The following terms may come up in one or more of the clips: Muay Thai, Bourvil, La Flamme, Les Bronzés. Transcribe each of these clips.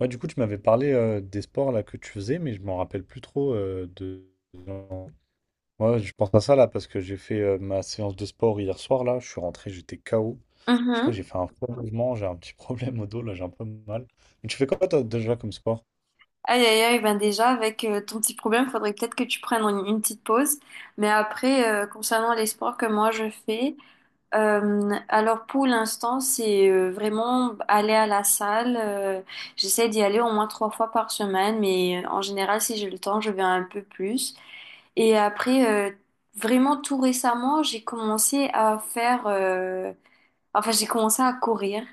Ouais, du coup, tu m'avais parlé des sports là que tu faisais, mais je m'en rappelle plus trop de. Moi, je pense à ça là parce que j'ai fait ma séance de sport hier soir là. Je suis rentré, j'étais KO. Je crois que Mhm. j'ai fait un faux mouvement, j'ai un petit problème au dos là, j'ai un peu mal. Mais tu fais quoi toi déjà comme sport? Aïe aïe aïe, ben déjà avec ton petit problème, faudrait peut-être que tu prennes une petite pause. Mais après, concernant les sports que moi je fais, alors pour l'instant, c'est vraiment aller à la salle. J'essaie d'y aller au moins 3 fois par semaine, mais en général, si j'ai le temps, je vais un peu plus. Et après, vraiment tout récemment, j'ai commencé à courir.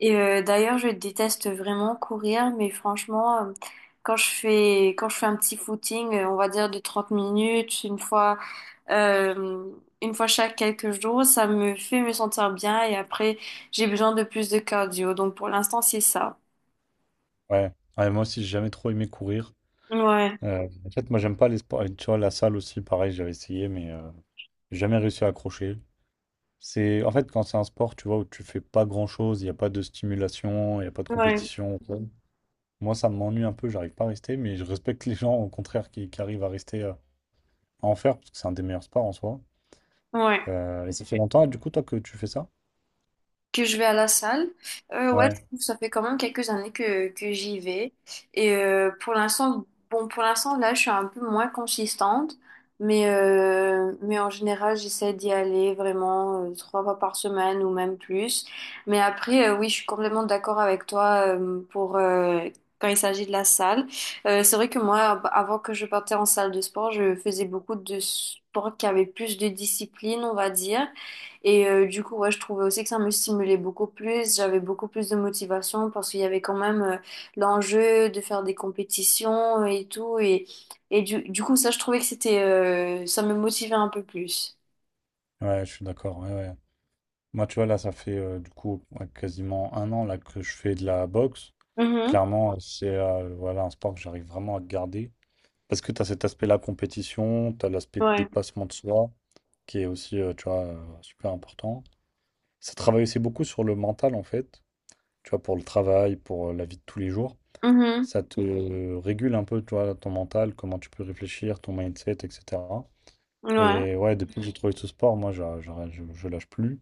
Et d'ailleurs, je déteste vraiment courir, mais franchement, quand je fais un petit footing, on va dire de 30 minutes, euh, une fois chaque quelques jours, ça me fait me sentir bien. Et après, j'ai besoin de plus de cardio. Donc, pour l'instant, c'est ça. Ouais. Ouais, moi aussi, j'ai jamais trop aimé courir. Ouais, En fait, moi, j'aime pas les sports. Et tu vois, la salle aussi, pareil, j'avais essayé, mais j'ai jamais réussi à accrocher. C'est en fait quand c'est un sport, tu vois, où tu fais pas grand-chose, il n'y a pas de stimulation, il n'y a pas de ouais, compétition. Ouais. Moi, ça m'ennuie un peu, j'arrive pas à rester, mais je respecte les gens, au contraire, qui arrivent à rester, à en faire, parce que c'est un des meilleurs sports en soi. ouais. Et ça fait longtemps, du coup, toi, que tu fais ça? Que je vais à la salle. Ouais, je Ouais. trouve que ça fait quand même quelques années que j'y vais. Et pour l'instant, bon, pour l'instant, là, je suis un peu moins consistante, mais en général, j'essaie d'y aller vraiment 3 fois par semaine ou même plus. Mais après, oui, je suis complètement d'accord avec toi quand il s'agit de la salle. C'est vrai que moi, avant que je partais en salle de sport, je faisais beaucoup de sports qui avaient plus de discipline, on va dire. Et du coup, ouais, je trouvais aussi que ça me stimulait beaucoup plus. J'avais beaucoup plus de motivation parce qu'il y avait quand même l'enjeu de faire des compétitions et tout. Et, du coup, ça, je trouvais que c'était, ça me motivait un peu plus. Ouais, je suis d'accord. Ouais, ouais. Moi, tu vois, là, ça fait du coup ouais, quasiment un an là, que je fais de la boxe. Mhm. Clairement, c'est, voilà, un sport que j'arrive vraiment à garder. Parce que tu as cet aspect-là, compétition, tu as l'aspect de Ouais. dépassement de soi, qui est aussi, tu vois, super important. Ça travaille aussi beaucoup sur le mental, en fait, tu vois, pour le travail, pour la vie de tous les jours. Mhm. Ça te régule un peu, toi, ton mental, comment tu peux réfléchir, ton mindset, etc. Ouais. Et ouais, depuis que j'ai trouvé ce sport, moi, je lâche plus.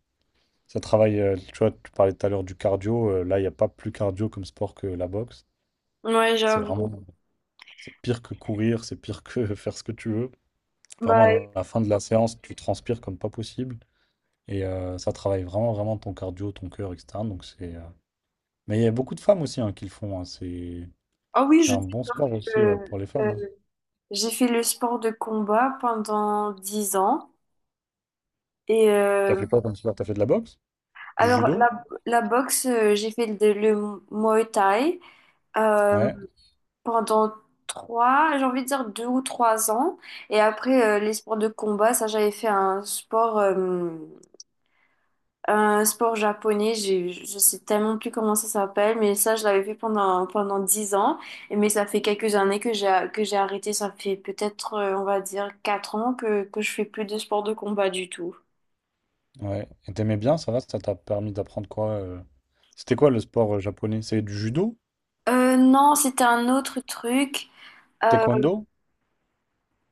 Ça travaille, tu vois, tu parlais tout à l'heure du cardio. Là, il n'y a pas plus cardio comme sport que la boxe. Ouais, C'est j'avoue. vraiment, c'est pire que courir, c'est pire que faire ce que tu veux. Vraiment, Bah, à la fin de la séance, tu transpires comme pas possible. Et ça travaille vraiment, vraiment ton cardio, ton cœur, etc. Donc c'est, mais il y a beaucoup de femmes aussi, hein, qui le font. Hein, C'est ah oui, c'est je sais un bon sport que aussi pour les euh, femmes, hein. j'ai fait le sport de combat pendant 10 ans. Et T'as fait quoi comme sport? T'as fait de la boxe? Du alors, judo? La boxe, le Muay Thai. Ouais, Pendant trois, j'ai envie de dire 2 ou 3 ans. Et après, les sports de combat, ça, j'avais fait un sport japonais. J'ai, je sais tellement plus comment ça s'appelle, mais ça, je l'avais fait pendant 10 ans. Et, mais ça fait quelques années que j'ai arrêté. Ça fait peut-être, on va dire, 4 ans que je fais plus de sport de combat du tout. ouais. Et t'aimais bien, ça va? Ça t'a permis d'apprendre quoi? C'était quoi le sport japonais? C'est du judo? Non, c'était un autre truc. Euh, Taekwondo?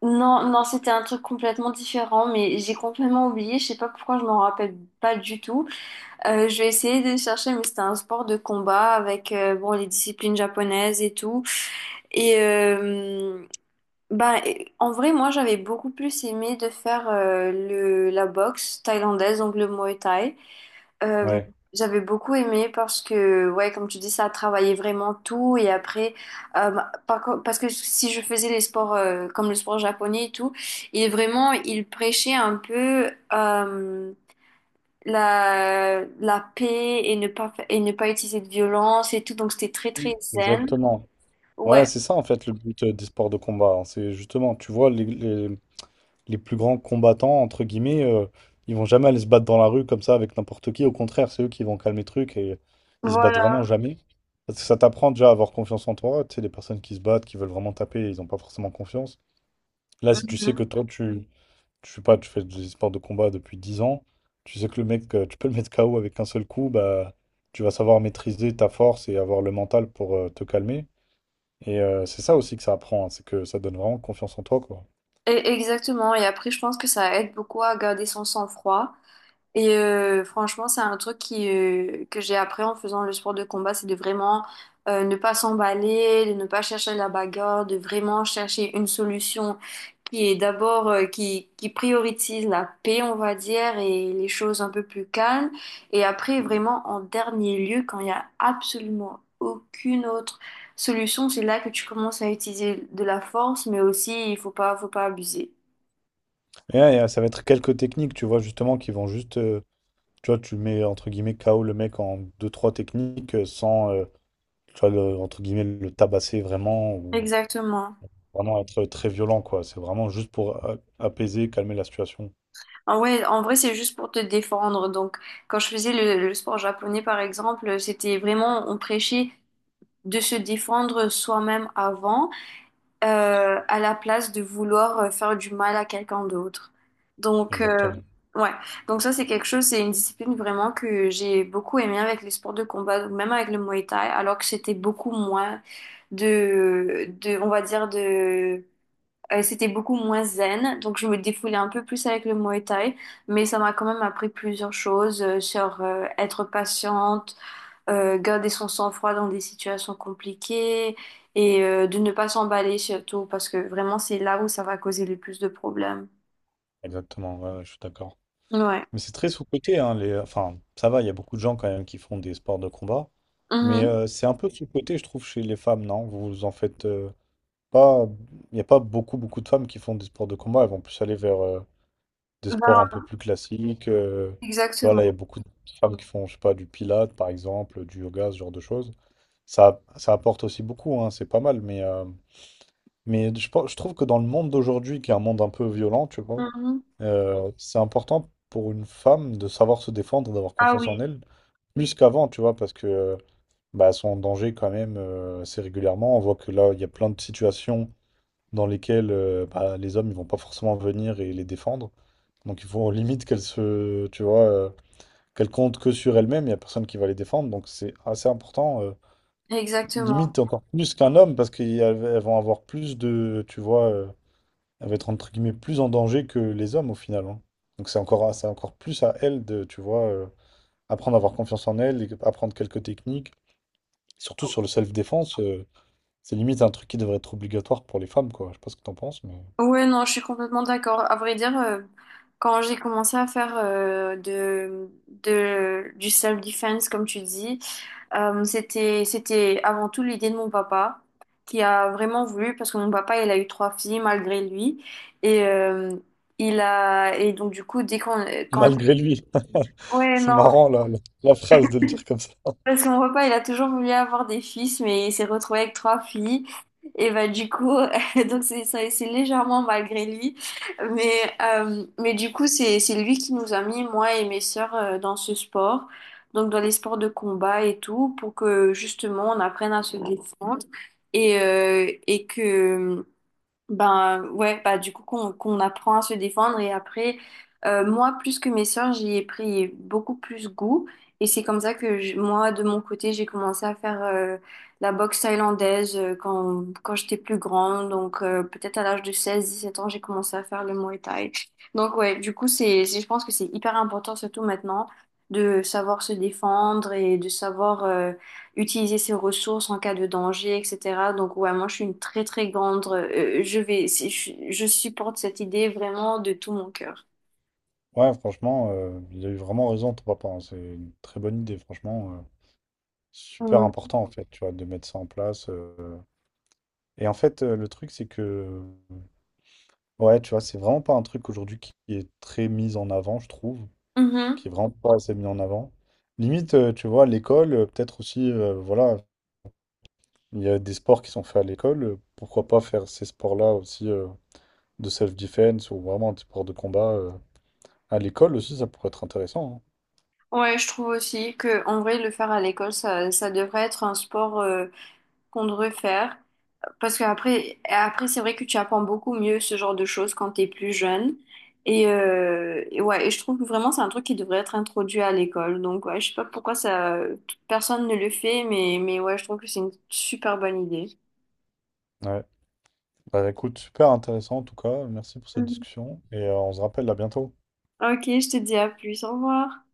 non, non, c'était un truc complètement différent, mais j'ai complètement oublié. Je sais pas pourquoi je m'en rappelle pas du tout. Je vais essayer de chercher, mais c'était un sport de combat avec bon, les disciplines japonaises et tout. Et en vrai, moi, j'avais beaucoup plus aimé de faire la boxe thaïlandaise, donc le Muay Thai. Euh, Ouais. j'avais beaucoup aimé parce que, ouais, comme tu dis, ça travaillait vraiment tout. Et après, bah, parce que si je faisais les sports comme le sport japonais et tout, il vraiment, il prêchait un peu. Euh, la paix et ne pas utiliser de violence et tout. Donc, c'était très, très Oui. zen. Exactement. Ouais, Ouais, c'est ça en fait le but des sports de combat. Hein. C'est justement, tu vois, les plus grands combattants, entre guillemets, ils vont jamais aller se battre dans la rue comme ça avec n'importe qui. Au contraire, c'est eux qui vont calmer le truc et ils se battent vraiment voilà. jamais. Parce que ça t'apprend déjà à avoir confiance en toi. Tu sais, les personnes qui se battent, qui veulent vraiment taper, ils n'ont pas forcément confiance. Là, si tu sais Mhm. que toi, je sais pas, tu fais des sports de combat depuis 10 ans, tu sais que le mec, tu peux le mettre KO avec un seul coup, bah, tu vas savoir maîtriser ta force et avoir le mental pour te calmer. Et c'est ça aussi que ça apprend, hein, c'est que ça donne vraiment confiance en toi, quoi. Et- exactement. Et après, je pense que ça aide beaucoup à garder son sang-froid. Et franchement, c'est un truc que j'ai appris en faisant le sport de combat, c'est de vraiment ne pas s'emballer, de ne pas chercher la bagarre, de vraiment chercher une solution qui est d'abord, qui priorise la paix, on va dire, et les choses un peu plus calmes. Et après, vraiment, en dernier lieu, quand il n'y a absolument aucune autre solution, c'est là que tu commences à utiliser de la force, mais aussi, il faut pas abuser. Et, ouais, ça va être quelques techniques, tu vois, justement, qui vont juste, tu vois, tu mets, entre guillemets, KO le mec en deux trois techniques sans, tu vois, entre guillemets, le tabasser vraiment ou Exactement. vraiment être très violent, quoi. C'est vraiment juste pour apaiser, calmer la situation. Ah ouais, en vrai, c'est juste pour te défendre. Donc, quand je faisais le sport japonais, par exemple, c'était vraiment, on prêchait de se défendre soi-même avant, à la place de vouloir faire du mal à quelqu'un d'autre. Donc, Exactement, ouais. Donc ça, c'est quelque chose, c'est une discipline vraiment que j'ai beaucoup aimé avec les sports de combat, même avec le Muay Thai, alors que c'était beaucoup moins on va dire, de c'était beaucoup moins zen, donc je me défoulais un peu plus avec le Muay Thai, mais ça m'a quand même appris plusieurs choses sur être patiente, garder son sang-froid dans des situations compliquées et de ne pas s'emballer surtout parce que vraiment c'est là où ça va causer le plus de problèmes. exactement, ouais, ouais, je suis d'accord. Ouais. Mais c'est très sous-coté, hein, enfin, ça va, il y a beaucoup de gens quand même qui font des sports de combat, mais Mhm. C'est un peu sous-coté, je trouve, chez les femmes, non? Vous en faites pas, il n'y a pas beaucoup, beaucoup de femmes qui font des sports de combat, elles vont plus aller vers des sports un peu Ben, plus classiques. Tu vois, là, il y a exactement. beaucoup de femmes qui font, je sais pas, du pilates, par exemple, du yoga, ce genre de choses. Ça apporte aussi beaucoup, hein, c'est pas mal, mais je trouve que dans le monde d'aujourd'hui, qui est un monde un peu violent, tu vois, Mhm. C'est important pour une femme de savoir se défendre, d'avoir Ah confiance en oui, elle, plus qu'avant, tu vois, parce que bah, elles sont en danger quand même assez régulièrement. On voit que là, il y a plein de situations dans lesquelles bah, les hommes, ils vont pas forcément venir et les défendre. Donc il faut limite qu'elles se, tu vois, qu'elles comptent que sur elles-mêmes. Il y a personne qui va les défendre, donc c'est assez important. Exactement. Limite encore plus qu'un homme, parce qu'elles vont avoir plus de, tu vois. Elle va être entre guillemets plus en danger que les hommes au final. Hein. Donc c'est encore plus à elle de, tu vois, apprendre à avoir confiance en elle, et apprendre quelques techniques. Surtout sur le self-défense, c'est limite un truc qui devrait être obligatoire pour les femmes, quoi. Je sais pas ce que t'en penses, mais Ouais, non, je suis complètement d'accord. À vrai dire, quand j'ai commencé à faire de, du self-defense, comme tu dis, c'était, c'était avant tout l'idée de mon papa, qui a vraiment voulu, parce que mon papa, il a eu trois filles malgré lui. Et, donc, du coup, dès qu'on... Quand, malgré lui, ouais, c'est non, marrant la, la, la phrase de le dire comme ça. parce que mon papa, il a toujours voulu avoir des fils, mais il s'est retrouvé avec trois filles. Et bah du coup, c'est légèrement malgré lui. Mais, du coup, c'est lui qui nous a mis, moi et mes sœurs, dans ce sport. Donc dans les sports de combat et tout, pour que justement on apprenne à se défendre et que ben ouais, bah du coup qu'on apprend à se défendre et après moi plus que mes sœurs, j'y ai pris beaucoup plus goût et c'est comme ça moi de mon côté, j'ai commencé à faire la boxe thaïlandaise quand j'étais plus grande, donc peut-être à l'âge de 16 17 ans, j'ai commencé à faire le Muay Thai. Donc ouais, du coup je pense que c'est hyper important surtout maintenant de savoir se défendre et de savoir utiliser ses ressources en cas de danger, etc. Donc, ouais, moi, je suis une très, très grande. Je vais, si- je supporte cette idée vraiment de tout mon cœur. Ouais, franchement, il a eu vraiment raison, ton papa. Hein. C'est une très bonne idée, franchement. Super Mm. important en fait, tu vois, de mettre ça en place. Et en fait, le truc, c'est que, ouais, tu vois, c'est vraiment pas un truc aujourd'hui qui est très mis en avant, je trouve, qui Mhm. est vraiment pas assez mis en avant. Limite, tu vois, à l'école, peut-être aussi, voilà, il y a des sports qui sont faits à l'école, pourquoi pas faire ces sports-là aussi de self-defense ou vraiment des sports de combat, à l'école aussi, ça pourrait être intéressant. Ouais, je trouve aussi que en vrai, le faire à l'école, ça devrait être un sport qu'on devrait faire. Parce qu'après, après, c'est vrai que tu apprends beaucoup mieux ce genre de choses quand t'es plus jeune. Et, ouais, et je trouve que vraiment c'est un truc qui devrait être introduit à l'école. Donc ouais, je sais pas pourquoi ça, personne ne le fait, mais ouais, je trouve que c'est une super bonne idée. Hein. Ouais. Bah écoute, super intéressant en tout cas, merci pour cette Mhm. discussion et on se rappelle à bientôt. Ok, je te dis à plus, au revoir.